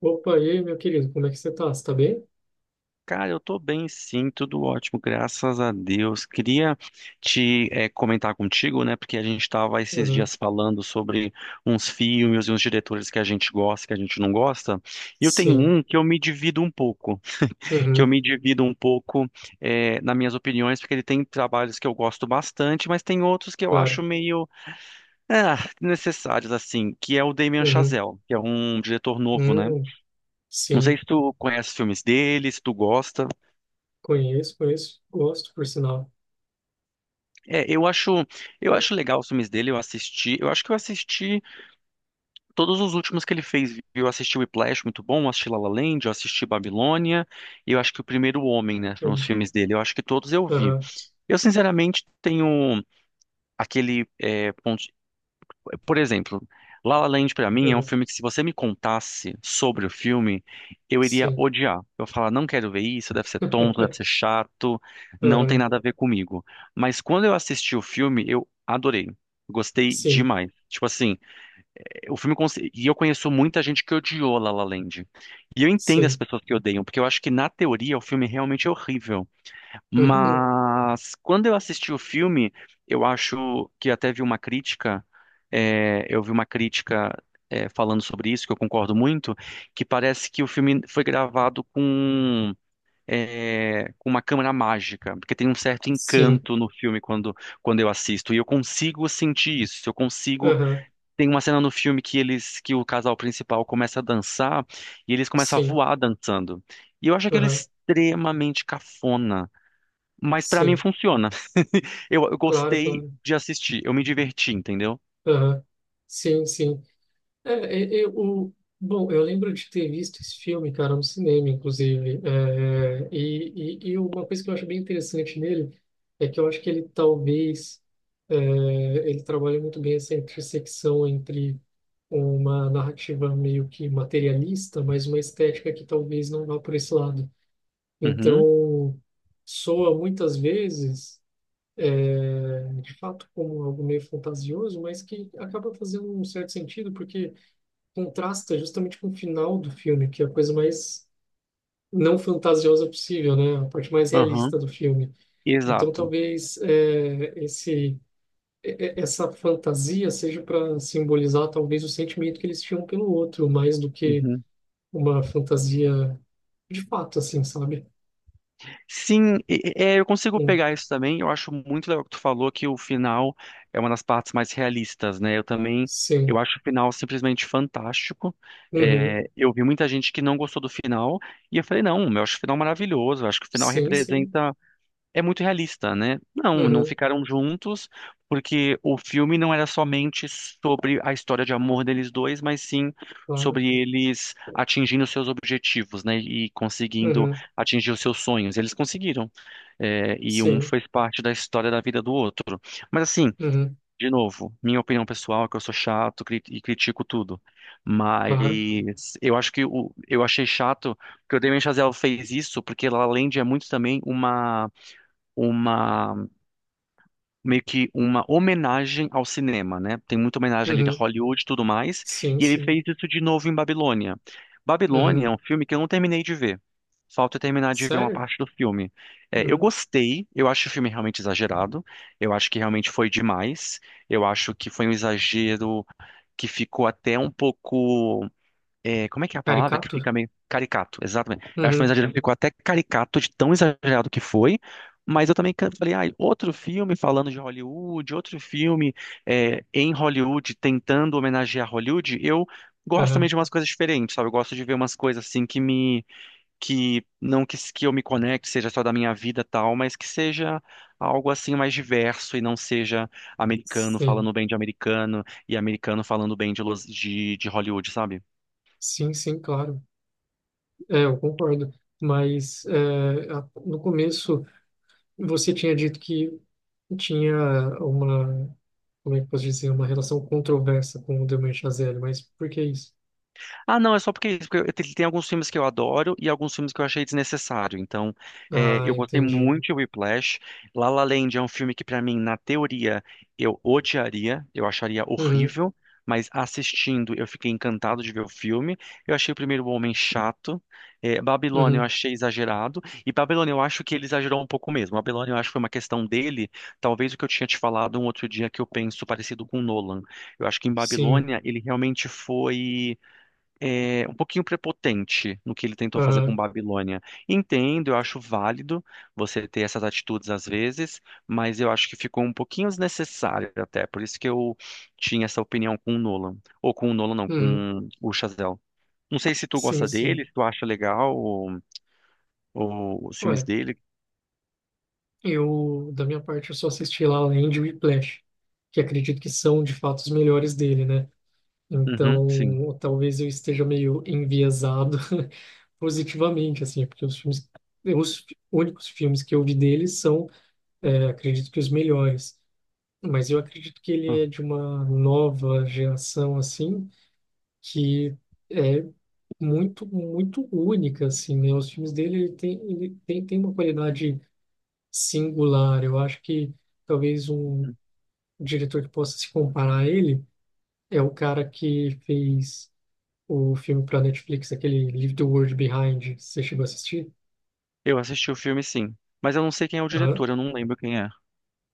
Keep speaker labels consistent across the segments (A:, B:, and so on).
A: Opa, e aí, meu querido, como é que você tá? Você tá bem?
B: Cara, eu tô bem sim, tudo ótimo, graças a Deus. Queria te comentar contigo, né, porque a gente estava esses
A: Uhum.
B: dias falando sobre uns filmes e uns diretores que a gente gosta, que a gente não gosta, e eu tenho
A: Sim.
B: um que eu me divido um pouco, que eu
A: Uhum.
B: me divido um pouco eh, nas minhas opiniões, porque ele tem trabalhos que eu gosto bastante, mas tem outros que eu
A: Claro.
B: acho meio necessários, assim, que é o Damien
A: Uhum.
B: Chazelle, que é um diretor novo, né?
A: Hum.
B: Não sei
A: Sim.
B: se tu conhece os filmes dele, se tu gosta.
A: Conheço, conheço. Gosto, por sinal.
B: É, eu
A: Ah,
B: acho legal os filmes dele, eu assisti, eu acho que eu assisti todos os últimos que ele fez, viu? Eu assisti o Whiplash, muito bom, eu assisti La La Land, eu assisti Babilônia, e eu acho que o Primeiro Homem, né, foram os
A: sim.
B: filmes dele, eu acho que todos eu vi.
A: Uhum.
B: Eu, sinceramente, tenho aquele ponto, por exemplo, La La Land pra mim é um
A: Uhum.
B: filme que, se você me contasse sobre o filme, eu iria
A: Sim.
B: odiar. Eu ia falar, não quero ver isso, deve ser tonto, deve ser chato, não tem
A: Uhum.
B: nada a ver comigo. Mas quando eu assisti o filme, eu adorei. Gostei
A: Sim.
B: demais. Tipo assim, e eu conheço muita gente que odiou La La Land. E eu entendo as
A: Sim.
B: pessoas que odeiam, porque eu acho que na teoria o filme realmente é horrível.
A: Uhum.
B: Mas quando eu assisti o filme, eu acho que até vi uma crítica, eu vi uma crítica, falando sobre isso, que eu concordo muito, que parece que o filme foi gravado com, com uma câmera mágica, porque tem um certo
A: Sim.
B: encanto no filme quando, quando eu assisto, e eu consigo sentir isso, eu consigo.
A: Uhum.
B: Tem uma cena no filme que eles, que o casal principal começa a dançar e eles começam a
A: Sim.
B: voar dançando. E eu acho aquilo
A: Uhum.
B: extremamente cafona. Mas pra mim
A: Sim.
B: funciona. Eu
A: Claro,
B: gostei
A: claro.
B: de assistir, eu me diverti, entendeu?
A: Uhum. Sim, sim. É, eu, o, bom, eu lembro de ter visto esse filme, cara, no cinema, inclusive. Uma coisa que eu acho bem interessante nele é que eu acho que ele talvez é, ele trabalha muito bem essa intersecção entre uma narrativa meio que materialista, mas uma estética que talvez não vá por esse lado.
B: Uhum,
A: Então, soa muitas vezes, é, de fato, como algo meio fantasioso, mas que acaba fazendo um certo sentido, porque contrasta justamente com o final do filme, que é a coisa mais não fantasiosa possível, né? A parte mais
B: aham,
A: realista do filme. Então,
B: exato.
A: talvez esse essa fantasia seja para simbolizar talvez o sentimento que eles tinham pelo outro, mais do que
B: Uhum.
A: uma fantasia de fato, assim, sabe?
B: Sim, é, eu consigo
A: Hum,
B: pegar isso também. Eu acho muito legal que tu falou que o final é uma das partes mais realistas, né? Eu também, eu
A: Sim.
B: acho o final simplesmente fantástico.
A: Uhum.
B: É, eu vi muita gente que não gostou do final e eu falei, não, eu acho o final maravilhoso. Eu acho que o final
A: Sim, sim.
B: representa é muito realista, né? Não, não
A: Uhum.
B: ficaram juntos, porque o filme não era somente sobre a história de amor deles dois, mas sim
A: Claro.
B: sobre eles atingindo seus objetivos, né? E conseguindo
A: Uhum.
B: atingir os seus sonhos. Eles conseguiram. É, e um
A: Sim.
B: fez parte da história da vida do outro. Mas assim,
A: Uhum.
B: de novo, minha opinião pessoal é que eu sou chato e critico tudo.
A: Claro.
B: Mas eu acho que o, eu achei chato que o Damien Chazelle fez isso, porque ela, além de é muito também uma meio que uma homenagem ao cinema, né? Tem muita homenagem ali de
A: Uhum.
B: Hollywood e tudo mais,
A: Sim,
B: e ele
A: sim.
B: fez isso de novo em Babilônia. Babilônia
A: Uhum.
B: é um filme que eu não terminei de ver. Falta eu terminar de ver uma
A: Sério?
B: parte do filme. É, eu
A: Uhum.
B: gostei, eu acho o filme realmente exagerado, eu acho que realmente foi demais, eu acho que foi um exagero que ficou até um pouco como é que é a palavra que
A: Caricato?
B: fica meio caricato, exatamente. Eu acho que foi um
A: Uhum.
B: exagero, que ficou até caricato de tão exagerado que foi, mas eu também falei, ah, outro filme falando de Hollywood, outro filme em Hollywood tentando homenagear Hollywood, eu gosto também
A: Aham,
B: de umas coisas diferentes, sabe? Eu gosto de ver umas coisas assim que me, que não que, que eu me conecte, seja só da minha vida e tal, mas que seja algo assim mais diverso e não seja americano
A: sim,
B: falando bem de americano e americano falando bem de, de Hollywood, sabe?
A: sim, sim, claro. É, eu concordo. Mas é, no começo você tinha dito que tinha uma, como é que eu posso dizer, uma relação controversa com o Damien Chazelle, mas por que isso?
B: Ah, não, é só porque, é isso. Porque tem alguns filmes que eu adoro e alguns filmes que eu achei desnecessário. Então,
A: Ah,
B: eu gostei
A: entendi.
B: muito de Whiplash. La La Land é um filme que, pra mim, na teoria, eu odiaria, eu acharia
A: Uhum,
B: horrível, mas assistindo eu fiquei encantado de ver o filme. Eu achei o Primeiro Homem chato. É, Babilônia eu
A: uhum,
B: achei exagerado. E Babilônia eu acho que ele exagerou um pouco mesmo. Babilônia eu acho que foi uma questão dele. Talvez o que eu tinha te falado um outro dia que eu penso parecido com Nolan. Eu acho que em
A: sim,
B: Babilônia ele realmente foi um pouquinho prepotente no que ele tentou fazer com
A: aham,
B: Babilônia. Entendo, eu acho válido você ter essas atitudes às vezes, mas eu acho que ficou um pouquinho desnecessário até. Por isso que eu tinha essa opinião com o Nolan. Ou com o Nolan, não,
A: uhum,
B: com o Chazelle. Não sei se tu
A: sim,
B: gosta
A: sim.
B: dele, se tu acha legal ou os filmes
A: Olha,
B: dele.
A: eu, da minha parte, eu só assisti La La Land e Whiplash, que acredito que são, de fato, os melhores dele, né?
B: Uhum, sim.
A: Então, talvez eu esteja meio enviesado positivamente, assim, porque os filmes, únicos filmes que eu vi dele são, é, acredito que os melhores. Mas eu acredito que ele é de uma nova geração, assim, que é muito, muito única, assim, né? Os filmes dele, tem uma qualidade singular. Eu acho que talvez um diretor que possa se comparar a ele é o cara que fez o filme para Netflix, aquele Leave the World Behind, você chegou a assistir?
B: Eu assisti o filme, sim. Mas eu não sei quem é o
A: Aham.
B: diretor, eu não lembro quem é.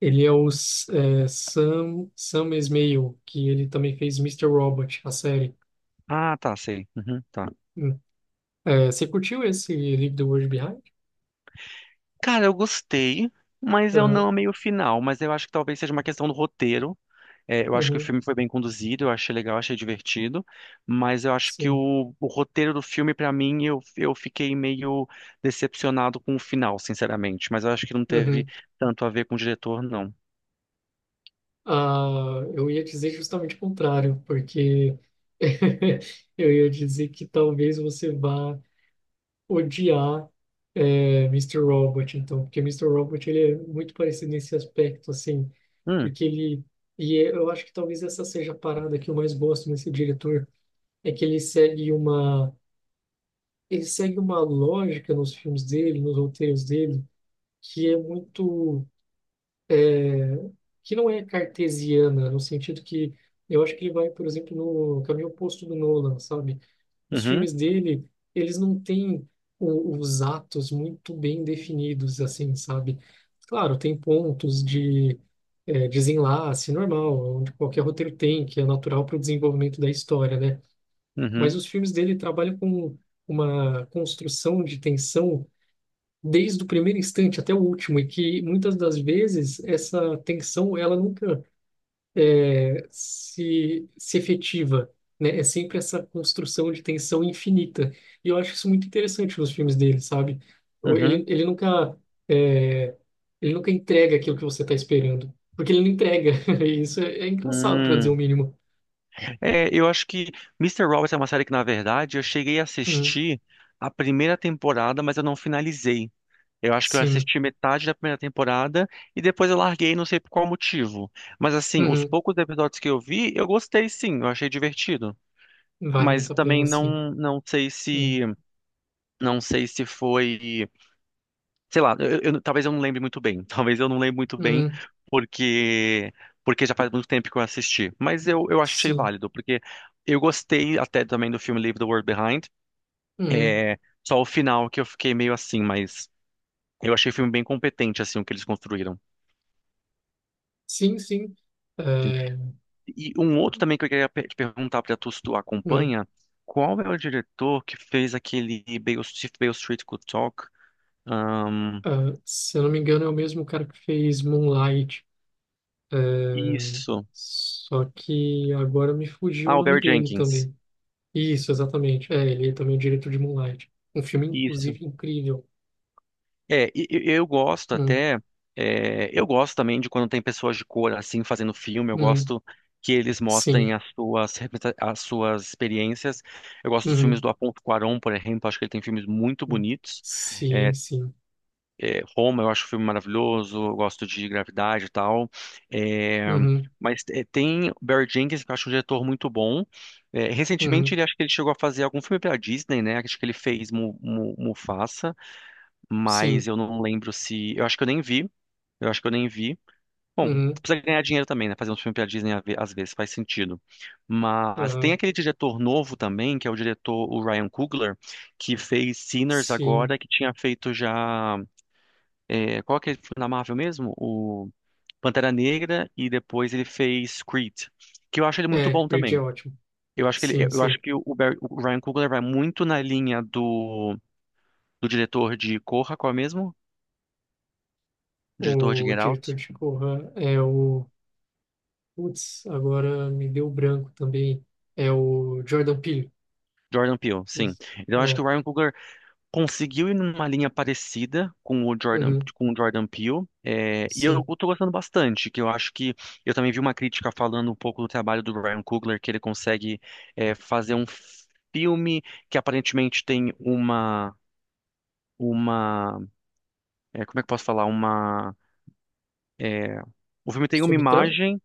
A: Ele é o S- É, Sam Esmail, que ele também fez Mr. Robot, a série.
B: Ah, tá, sei. Uhum, tá.
A: Hum. É, você curtiu esse Leave the World Behind?
B: Cara, eu gostei, mas eu
A: Aham.
B: não amei o final. Mas eu acho que talvez seja uma questão do roteiro. É, eu acho que o
A: Uhum.
B: filme foi bem conduzido, eu achei legal, achei divertido. Mas eu acho que
A: Sim.
B: o roteiro do filme, pra mim, eu fiquei meio decepcionado com o final, sinceramente. Mas eu acho que não teve
A: Uhum.
B: tanto a ver com o diretor, não.
A: Ah, eu ia dizer justamente o contrário, porque eu ia dizer que talvez você vá odiar é, Mr. Robot, então, porque Mister Robot ele é muito parecido nesse aspecto, assim,
B: Hum,
A: porque eu acho que talvez essa seja a parada que eu mais gosto nesse diretor, é que ele segue uma lógica nos filmes dele, nos roteiros dele, que é muito que não é cartesiana, no sentido que eu acho que ele vai, por exemplo, no caminho oposto do Nolan, sabe? Os
B: uhum,
A: filmes dele, eles não têm os atos muito bem definidos, assim, sabe? Claro, tem pontos de é, desenlace normal, onde qualquer roteiro tem, que é natural para o desenvolvimento da história, né? Mas
B: uhum,
A: os filmes dele trabalham com uma construção de tensão desde o primeiro instante até o último, e que muitas das vezes essa tensão ela nunca se efetiva, né? É sempre essa construção de tensão infinita. E eu acho isso muito interessante nos filmes dele, sabe? Ou
B: uhum.
A: Ele nunca, é, Ele nunca entrega aquilo que você está esperando, porque ele não entrega. E isso é, é engraçado, para dizer o
B: Hum.
A: mínimo.
B: É, eu acho que Mister Robot é uma série que, na verdade, eu cheguei a
A: Hum,
B: assistir a primeira temporada, mas eu não finalizei. Eu acho que eu
A: sim.
B: assisti metade da primeira temporada e depois eu larguei, não sei por qual motivo. Mas assim, os
A: Uhum.
B: poucos episódios que eu vi, eu gostei sim, eu achei divertido.
A: Vale
B: Mas
A: muito a
B: também
A: pena, sim.
B: não sei
A: Hum,
B: se não sei se foi, sei lá, talvez eu não lembre muito bem. Talvez eu não lembre muito bem
A: uhum.
B: porque porque já faz muito tempo que eu assisti. Mas eu achei
A: Sim.
B: válido, porque eu gostei até também do filme Leave the World Behind.
A: Uhum.
B: É, só o final que eu fiquei meio assim, mas eu achei o filme bem competente assim o que eles construíram.
A: Sim, sim. É,
B: E um outro também que eu queria te perguntar, para tu se tu
A: hum.
B: acompanha, qual é o diretor que fez aquele Beale, If Beale Street Could Talk? Ahn,
A: Ah, se eu não me engano, é o mesmo cara que fez Moonlight. É,
B: isso.
A: só que agora me fugiu o
B: Ah, o
A: nome
B: Barry
A: dele
B: Jenkins.
A: também. Isso, exatamente. É, ele é também o diretor de Moonlight. Um filme,
B: Isso.
A: inclusive, incrível.
B: É, eu gosto
A: Hum,
B: até, é, eu gosto também de quando tem pessoas de cor assim fazendo filme, eu
A: uhum,
B: gosto que eles
A: sim.
B: mostrem as suas, as suas experiências. Eu gosto dos filmes
A: Uhum,
B: do Afonso Cuarón, por exemplo, acho que ele tem filmes muito
A: uhum,
B: bonitos.
A: sim,
B: É,
A: sim.
B: É, Roma, eu acho o filme maravilhoso, eu gosto de Gravidade e tal. É,
A: Uhum,
B: mas é, tem Barry Jenkins, que eu acho um diretor muito bom. É, recentemente,
A: uhum,
B: ele acho que ele chegou a fazer algum filme pela Disney, né? Acho que ele fez Mu, Mufasa,
A: sim.
B: mas eu não lembro se. Eu acho que eu nem vi. Eu acho que eu nem vi. Bom,
A: Uhum,
B: precisa ganhar dinheiro também, né? Fazer um filme pela Disney às vezes faz sentido. Mas tem
A: aham,
B: aquele diretor novo também, que é o diretor, o Ryan Coogler, que fez Sinners
A: sim.
B: agora, que tinha feito já. É, qual que ele foi na Marvel mesmo? O Pantera Negra e depois ele fez Creed, que eu acho ele muito
A: É,
B: bom
A: Creed é
B: também.
A: ótimo.
B: Eu acho que ele,
A: Sim,
B: eu acho
A: sim.
B: que o, o Ryan Coogler vai muito na linha do, do diretor de Corra, qual é mesmo? O diretor de
A: O
B: Get
A: diretor
B: Out,
A: de Corra é o. Putz, agora me deu branco também. É o Jordan Peele.
B: Jordan Peele, sim.
A: Isso.
B: Então eu acho que
A: É.
B: o Ryan Coogler conseguiu ir numa linha parecida
A: Uhum,
B: com o Jordan Peele, é, e eu
A: sim.
B: tô gostando bastante, que eu acho que eu também vi uma crítica falando um pouco do trabalho do Ryan Coogler, que ele consegue fazer um filme que aparentemente tem uma, é, como é que eu posso falar, uma, é, o filme tem uma
A: Subtran?
B: imagem.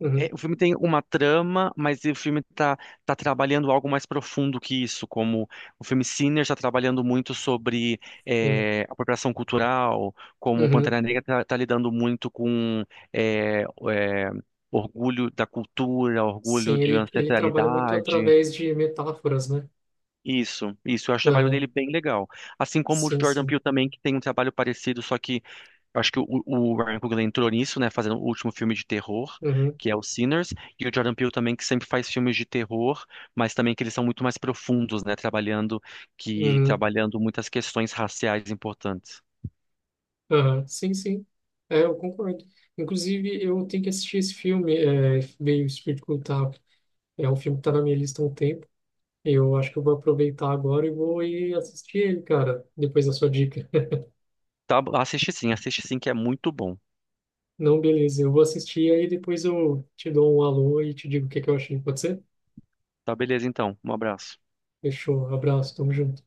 A: Uhum,
B: É, o filme tem uma trama, mas o filme tá, tá trabalhando algo mais profundo que isso, como o filme Sinner está trabalhando muito sobre
A: sim.
B: é, apropriação cultural, como o
A: Uhum.
B: Pantera Negra está lidando muito com é, é, orgulho da cultura, orgulho
A: Sim,
B: de
A: ele trabalha muito
B: ancestralidade.
A: através de metáforas, né?
B: Isso, eu acho o trabalho
A: Aham,
B: dele bem legal. Assim como o
A: sim,
B: Jordan
A: sim.
B: Peele também, que tem um trabalho parecido, só que eu acho que o Ryan Coogler entrou nisso, né, fazendo o último filme de terror,
A: Uhum,
B: que é o Sinners, e o Jordan Peele também, que sempre faz filmes de terror, mas também que eles são muito mais profundos, né, trabalhando que
A: uhum,
B: trabalhando muitas questões raciais importantes.
A: aham, sim, sim. É, eu concordo. Inclusive, eu tenho que assistir esse filme, é, veio Espírito Cultável. É um filme que tá na minha lista há um tempo. Eu acho que eu vou aproveitar agora e vou ir assistir ele, cara, depois da sua dica.
B: Tá, assiste sim, que é muito bom.
A: Não, beleza. Eu vou assistir aí depois eu te dou um alô e te digo o que que eu achei. Pode ser?
B: Tá, beleza, então. Um abraço.
A: Fechou. Abraço. Tamo junto.